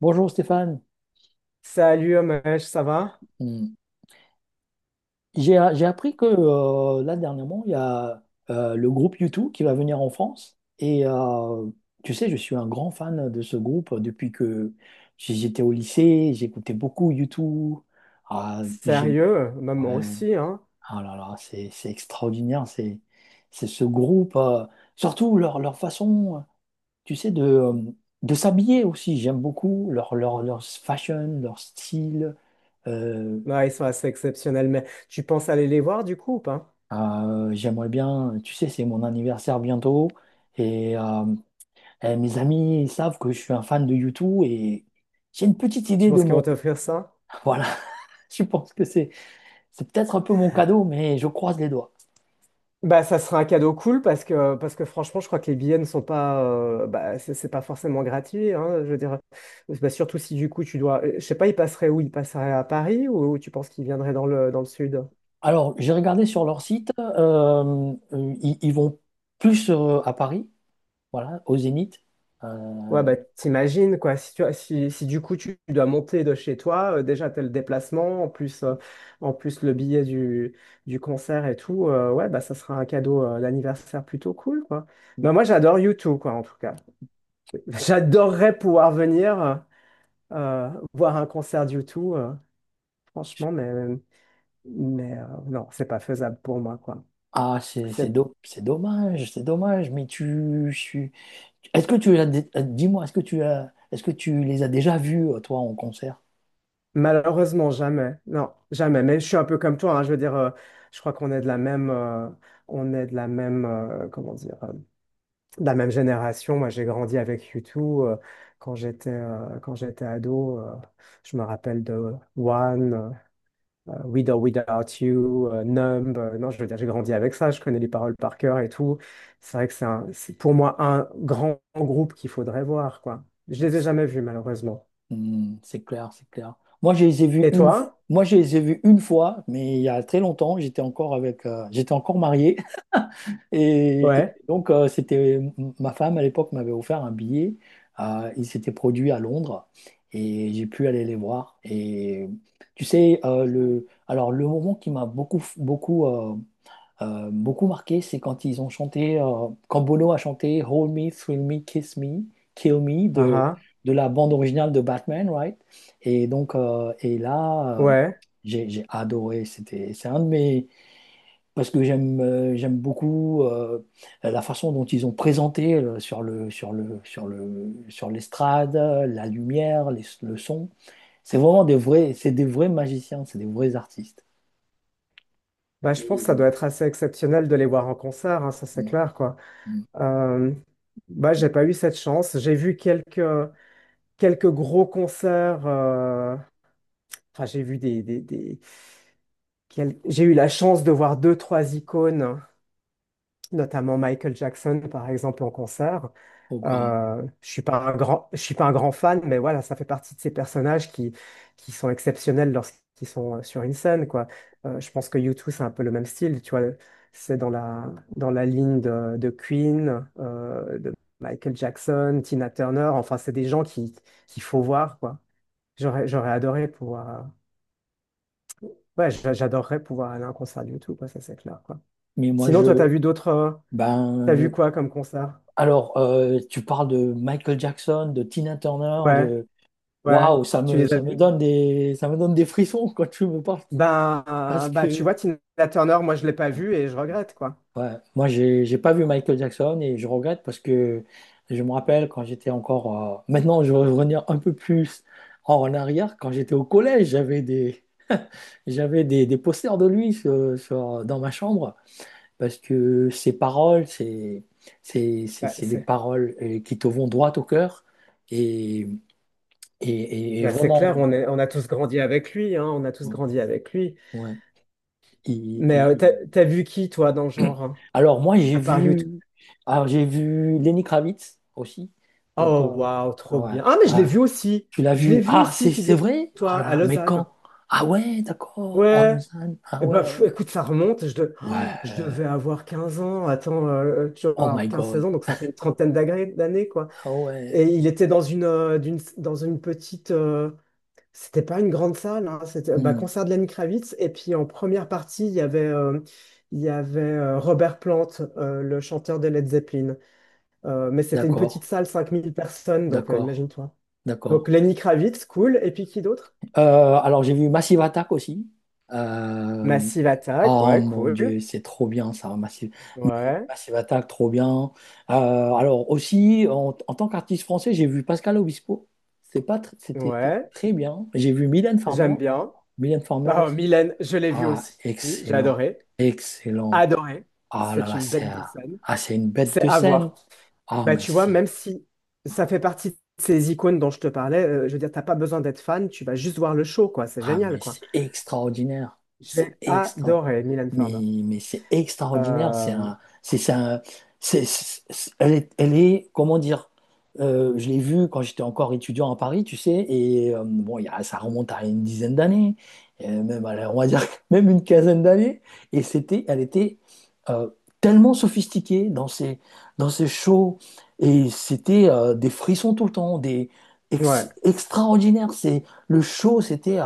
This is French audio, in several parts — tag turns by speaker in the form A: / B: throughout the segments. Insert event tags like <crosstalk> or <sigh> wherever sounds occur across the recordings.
A: Bonjour Stéphane.
B: Salut Homesh, ça va?
A: Hmm. J'ai appris que là dernièrement, il y a le groupe U2 qui va venir en France. Et tu sais, je suis un grand fan de ce groupe depuis que j'étais au lycée. J'écoutais beaucoup U2. Ah, j'ai...
B: Sérieux? Bah, moi
A: ouais.
B: aussi, hein?
A: Ah là là, c'est extraordinaire. C'est ce groupe. Surtout leur façon, tu sais, de s'habiller aussi. J'aime beaucoup leur fashion, leur style. Euh,
B: Ouais, ils sont assez exceptionnels, mais tu penses aller les voir du coup ou pas?
A: J'aimerais bien, tu sais, c'est mon anniversaire bientôt et, mes amis ils savent que je suis un fan de YouTube et j'ai une petite
B: Tu
A: idée de
B: penses qu'ils vont
A: mon...
B: t'offrir ça?
A: <laughs> Voilà, je pense que c'est peut-être un peu mon cadeau, mais je croise les doigts.
B: Bah ça sera un cadeau cool parce que franchement je crois que les billets ne sont pas, bah c'est pas forcément gratuit, hein, je veux dire. Bah, surtout si du coup tu dois, je sais pas, ils passeraient où, ils passeraient à Paris, ou tu penses qu'ils viendraient dans le sud?
A: Alors, j'ai regardé sur leur site, ils vont plus à Paris, voilà, au Zénith.
B: Ouais,
A: Euh,
B: bah, t'imagines, quoi, si du coup tu dois monter de chez toi, déjà t'as le déplacement, en plus le billet du concert et tout, ouais, bah ça sera un cadeau, d'anniversaire plutôt cool, quoi. Bah, moi j'adore U2, quoi, en tout cas. <laughs> J'adorerais pouvoir venir, voir un concert d'U2, franchement, mais, non, c'est pas faisable pour moi, quoi.
A: ah, c'est c'est
B: C'est
A: do- c'est dommage, c'est dommage, mais tu, je suis- Est-ce que tu as Dis-moi, est-ce que tu les as déjà vus, toi, en concert?
B: Malheureusement, jamais. Non, jamais. Mais je suis un peu comme toi, hein. Je veux dire, je crois qu'on est de la même, comment dire, de la même génération. Moi, j'ai grandi avec YouTube quand j'étais ado. Je me rappelle de One, With or Without You, Numb. Non, je veux dire, j'ai grandi avec ça. Je connais les paroles par cœur et tout. C'est vrai que c'est pour moi un grand groupe qu'il faudrait voir, quoi. Je
A: Ouais,
B: les ai jamais vus, malheureusement.
A: C'est clair, c'est clair. Moi, je les ai vus
B: Et
A: une, f-
B: toi?
A: moi, je les ai vus une fois, mais il y a très longtemps, j'étais encore marié, <laughs> et
B: Ouais.
A: donc c'était ma femme à l'époque m'avait offert un billet. Il s'était produit à Londres, et j'ai pu aller les voir. Et tu sais, alors le moment qui m'a beaucoup, beaucoup beaucoup marqué, c'est quand ils ont chanté, quand Bono a chanté Hold Me, Thrill Me, Kiss Me, Kill Me
B: Ah,
A: de,
B: ah.
A: de la bande originale de Batman, right? Et donc, et là,
B: Ouais.
A: j'ai adoré. C'était, c'est un de mes. Parce que j'aime beaucoup la façon dont ils ont présenté sur l'estrade, la lumière, le son. C'est vraiment des vrais, c'est des vrais magiciens, c'est des vrais artistes.
B: Bah, je pense que ça
A: Et-
B: doit être assez exceptionnel de les voir en concert, hein, ça c'est
A: Mm,
B: clair, quoi.
A: mm.
B: Euh, Bah, j'ai pas eu cette chance. J'ai vu quelques gros concerts. Enfin, j'ai vu j'ai eu la chance de voir deux, trois icônes, notamment Michael Jackson, par exemple, en concert.
A: Oh God.
B: Je suis pas un grand fan, mais voilà, ça fait partie de ces personnages qui sont exceptionnels lorsqu'ils sont, sur une scène, quoi. Je pense que U2, c'est un peu le même style, tu vois. C'est dans la ligne de Queen, de Michael Jackson, Tina Turner. Enfin, c'est des gens qu'il faut voir, quoi. J'aurais adoré pouvoir, ouais, j'adorerais pouvoir aller à un concert de U2, quoi, ça c'est clair, quoi.
A: Mais moi,
B: Sinon, toi,
A: je,
B: t'as
A: Ben,
B: vu
A: euh,
B: quoi comme concert?
A: alors, tu parles de Michael Jackson, de Tina Turner,
B: Ouais,
A: de...
B: ouais.
A: Waouh,
B: Tu les as
A: ça me
B: vus?
A: donne des, ça me donne des frissons <laughs> quand tu me parles.
B: Ben,
A: Parce
B: bah, tu
A: que,
B: vois, Tina Turner, moi, je l'ai pas vue et je regrette, quoi.
A: ouais, moi, j'ai pas vu Michael Jackson et je regrette parce que je me rappelle quand j'étais encore... Maintenant je vais revenir un peu plus en arrière. Quand j'étais au collège, des posters de lui dans ma chambre. Parce que ces paroles, c'est c'est- c'est-
B: Bah,
A: c'est des
B: c'est
A: paroles qui te vont droit au cœur et, et, et
B: bah, c'est
A: vraiment.
B: clair, on a tous grandi avec lui, hein, on a tous
A: Ouais,
B: grandi avec lui.
A: ouais. Il-
B: Mais
A: il-
B: t'as,
A: il-
B: t'as vu qui, toi, dans le genre, hein,
A: Alors moi
B: à part.
A: j'ai vu Lenny Kravitz aussi. Donc
B: Oh, waouh,
A: ah
B: trop
A: ouais,
B: bien. Ah, mais je l'ai
A: ouais.
B: vu aussi.
A: Tu l'as
B: Je l'ai
A: vu?
B: vu
A: Ah
B: aussi,
A: c'est vrai? Oh
B: figure-toi,
A: là
B: à
A: là, mais
B: Lausanne.
A: quand? Ah ouais, d'accord, en
B: Ouais.
A: Lausanne. Ah
B: Eh ben,
A: ouais,
B: pff, écoute, ça remonte. Oh, je devais
A: ouais.
B: avoir 15 ans. Attends, tu vas
A: Oh my
B: avoir 15-16
A: God.
B: ans, donc ça fait une trentaine d'années, quoi.
A: Ah
B: Et
A: ouais.
B: il était dans une petite. C'était pas une grande salle, hein. C'était bah,
A: Hmm,
B: concert de Lenny Kravitz. Et puis, en première partie, il y avait, Robert Plant, le chanteur de Led Zeppelin. Mais c'était une petite
A: d'accord,
B: salle, 5 000 personnes, donc,
A: d'accord,
B: imagine-toi. Donc
A: d'accord.
B: Lenny Kravitz, cool. Et puis qui d'autre?
A: Alors, j'ai vu Massive Attack aussi. Euh,
B: Massive Attack,
A: oh
B: ouais,
A: mon
B: cool.
A: Dieu, c'est trop bien ça, Massive. Mais
B: Ouais,
A: Massive Attack, trop bien. Alors, aussi, en tant qu'artiste français, j'ai vu Pascal Obispo. C'est pas tr- C'était
B: ouais,
A: très bien. J'ai vu Mylène Farmer.
B: j'aime bien.
A: Mylène Farmer
B: Bah, oh,
A: aussi.
B: Mylène, je l'ai vue
A: Ah,
B: aussi. J'ai
A: excellent.
B: adoré.
A: Excellent.
B: Adoré.
A: Ah là
B: C'est
A: là,
B: une
A: c'est
B: bête de scène.
A: ah, c'est une bête
B: C'est
A: de
B: à
A: scène.
B: voir.
A: Ah,
B: Bah,
A: mais
B: tu vois,
A: c'est
B: même si ça fait partie de ces icônes dont je te parlais, je veux dire, t'as pas besoin d'être fan, tu vas juste voir le show, quoi. C'est
A: Ah,
B: génial,
A: mais
B: quoi.
A: c'est extraordinaire. C'est
B: J'ai
A: extra.
B: adoré Mylène Farmer.
A: Mais, c'est extraordinaire. C'est
B: Euh,
A: un, c'est un- c'est- Elle est, comment dire, je l'ai vue quand j'étais encore étudiant à Paris, tu sais, et bon, ça remonte à une dizaine d'années, même, allez, on va dire <laughs> même une quinzaine d'années, et c'était, elle était euh, tellement sophistiquée dans ses shows, et c'était des frissons tout le temps, des
B: ouais,
A: extraordinaires. Le show, c'était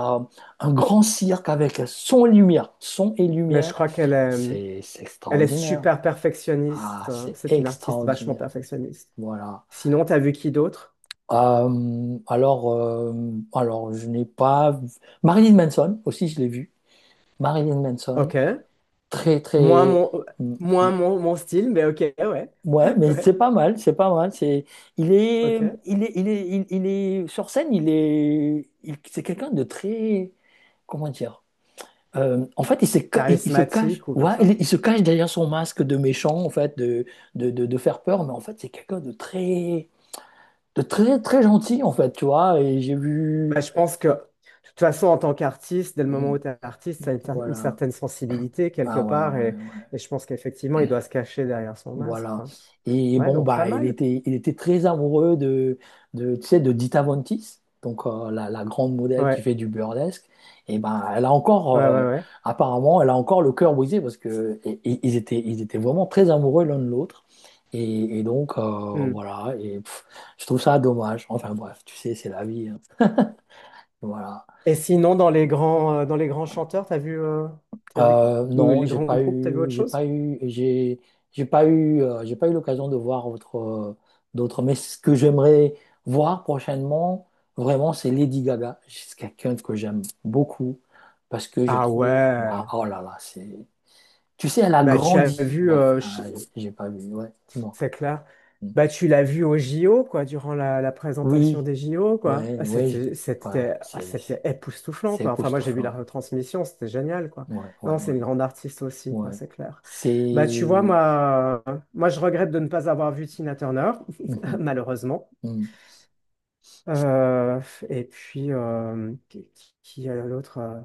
A: un grand cirque avec son et lumière. Son et
B: mais je
A: lumière,
B: crois
A: c'est
B: elle est
A: extraordinaire.
B: super
A: Ah,
B: perfectionniste, hein.
A: c'est
B: C'est une artiste vachement
A: extraordinaire.
B: perfectionniste.
A: Voilà.
B: Sinon, t'as vu qui d'autre?
A: Euh, alors, euh, alors, je n'ai pas... vu- Marilyn Manson, aussi, je l'ai vu. Marilyn Manson,
B: Ok.
A: très,
B: Moins
A: très...
B: mon,
A: Mm, mm,
B: moins mon style, mais ok, ouais.
A: ouais,
B: <laughs>
A: mais c'est
B: Ouais,
A: pas mal, c'est pas mal. C'est, il est,
B: ok.
A: il est, il est, il est sur scène, c'est quelqu'un de très, comment dire, En fait, il se cache,
B: Charismatique ou comme
A: ouais, il,
B: ça.
A: il se cache derrière son masque de méchant, en fait, de faire peur, mais en fait, c'est quelqu'un de très, très gentil, en fait, tu vois, et j'ai vu,
B: Bah, je pense que, de toute façon, en tant qu'artiste, dès le moment
A: Hmm,
B: où tu es artiste, tu as une
A: voilà,
B: certaine sensibilité quelque
A: ah ouais,
B: part. Et,
A: ouais, ouais.
B: et je pense qu'effectivement, il doit se cacher derrière son masque,
A: Voilà.
B: quoi.
A: Et
B: Ouais,
A: bon,
B: donc pas
A: bah, il
B: mal.
A: était, il était très amoureux tu sais, de Dita Von Teese, donc la grande modèle qui
B: Ouais,
A: fait du burlesque. Et ben, elle a encore,
B: ouais, ouais, ouais.
A: apparemment, elle a encore le cœur brisé parce que ils étaient vraiment très amoureux l'un de l'autre. Et, donc,
B: Hmm.
A: voilà. Et pff, je trouve ça dommage. Enfin bref, tu sais, c'est la vie. Hein. Voilà.
B: Et sinon, dans les grands chanteurs,
A: Euh,
B: ou
A: non,
B: les grands groupes, t'as vu autre chose?
A: j'ai pas eu l'occasion de voir d'autres. Mais ce que j'aimerais voir prochainement, vraiment, c'est Lady Gaga. C'est quelqu'un que j'aime beaucoup parce que je
B: Ah
A: trouve, waouh,
B: ouais.
A: oh là là, tu sais, elle a
B: Bah, tu as
A: grandi.
B: vu,
A: Ouais,
B: euh, je-
A: ah, j'ai pas vu. Ouais, dis-moi.
B: C'est clair.
A: Mm.
B: Bah, tu l'as vu au JO, quoi, durant la présentation
A: Oui,
B: des JO, quoi.
A: ouais,
B: Ah,
A: ouais, ouais,
B: Ah,
A: c'est,
B: c'était époustouflant,
A: c'est
B: quoi. Enfin, moi, j'ai vu la
A: époustouflant.
B: retransmission, c'était génial, quoi.
A: Ouais, ouais,
B: Non, c'est
A: ouais,
B: une grande artiste aussi, quoi,
A: ouais.
B: c'est clair. Bah, tu vois,
A: C'est.
B: moi, je regrette de ne pas avoir vu Tina Turner,
A: <laughs>
B: <laughs>
A: Mhm,
B: malheureusement.
A: mhm,
B: Euh, et puis, qui est l'autre?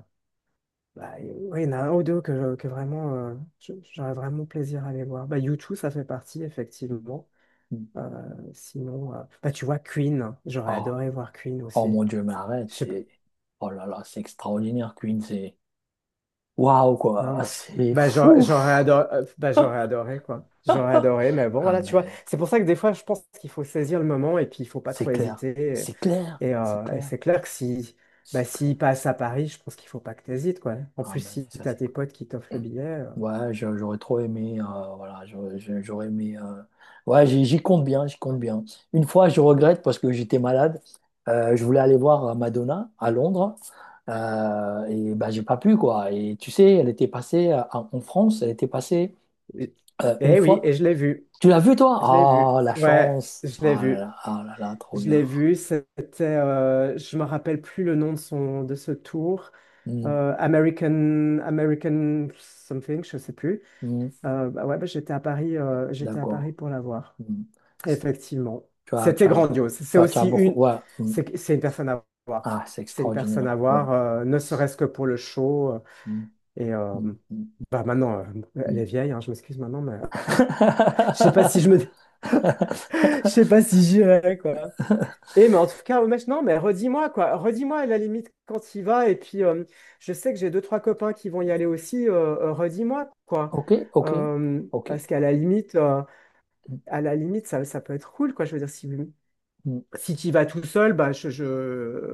B: Bah, oui, il y en a un ou deux que vraiment, j'aurais vraiment plaisir à aller voir. Bah, U2, ça fait partie, effectivement.
A: mhm.
B: Euh, Sinon, bah, tu vois, Queen, j'aurais
A: Oh.
B: adoré voir Queen
A: Oh
B: aussi.
A: mon Dieu, mais arrête,
B: Je sais pas.
A: c'est... Oh là là, c'est extraordinaire, Queen, c'est... Waouh,
B: Hein,
A: quoi, c'est
B: bah,
A: fou!
B: j'aurais adoré, bah, j'aurais adoré, quoi. J'aurais adoré, mais bon,
A: Ah
B: voilà, tu vois.
A: mais,
B: C'est pour ça que des fois, je pense qu'il faut saisir le moment et puis il faut pas
A: c'est
B: trop
A: clair,
B: hésiter.
A: c'est clair,
B: Et, et,
A: c'est
B: euh, et
A: clair,
B: c'est clair que, si, bah,
A: c'est clair.
B: s'il passe à Paris, je pense qu'il faut pas que tu hésites, quoi. En
A: Ah
B: plus,
A: mais,
B: si
A: ça
B: tu
A: c'est
B: as tes
A: clair.
B: potes qui t'offrent le billet.
A: Ouais, j'aurais trop aimé, voilà, j'aurais aimé. Ouais, j'y compte bien, j'y compte bien. Une fois, je regrette parce que j'étais malade. Je voulais aller voir Madonna à Londres, et bah j'ai pas pu, quoi. Et tu sais, elle était passée en France, elle était passée
B: Et-
A: une
B: Eh oui,
A: fois.
B: et je l'ai vu.
A: Tu l'as vu, toi?
B: Je l'ai vu.
A: Ah, la
B: Ouais,
A: chance.
B: je l'ai
A: Ah là
B: vu.
A: là, ah là là, trop
B: Je
A: bien.
B: l'ai vu. Je me rappelle plus le nom de son, de ce tour.
A: Hmm,
B: American something, je sais plus.
A: hmm,
B: Bah ouais, bah j'étais à
A: d'accord.
B: Paris pour la voir.
A: Hmm.
B: Effectivement,
A: Tu as,
B: c'était
A: tu as,
B: grandiose. C'est
A: tu as
B: aussi
A: beaucoup.
B: une,
A: Ouais. Hmm.
B: c'est c'est une personne à voir.
A: Ah, c'est
B: C'est une personne
A: extraordinaire.
B: à
A: Ouais.
B: voir, ne serait-ce que pour le show.
A: Hmm,
B: Et
A: hmm, hmm,
B: bah maintenant, elle
A: hmm.
B: est vieille, hein, je m'excuse maintenant, mais, je sais pas si je me,
A: <laughs>
B: <laughs> je sais pas si j'irai, quoi. Et mais en tout cas, au match, non, mais redis-moi à la limite quand il va. Et puis, je sais que j'ai deux, trois copains qui vont y aller aussi. Redis-moi, quoi.
A: Ok, ok, ok.
B: Parce qu'
A: Mm,
B: à la limite, ça peut être cool, quoi. Je veux dire,
A: mm,
B: si tu y vas tout seul, bah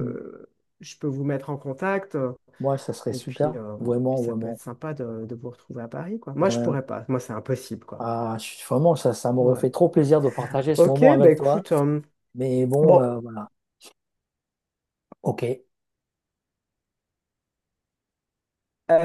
A: mm.
B: je peux vous mettre en contact.
A: Moi, ça serait
B: Et puis,
A: super, vraiment,
B: ça peut
A: vraiment.
B: être sympa de vous retrouver à Paris, quoi. Moi, je
A: Ouais.
B: pourrais pas. Moi, c'est impossible, quoi.
A: Ah, vraiment, ça m'aurait
B: Ouais.
A: fait trop plaisir de partager ce
B: Ok,
A: moment
B: bah
A: avec toi.
B: écoute,
A: Mais bon,
B: bon.
A: voilà. Ok.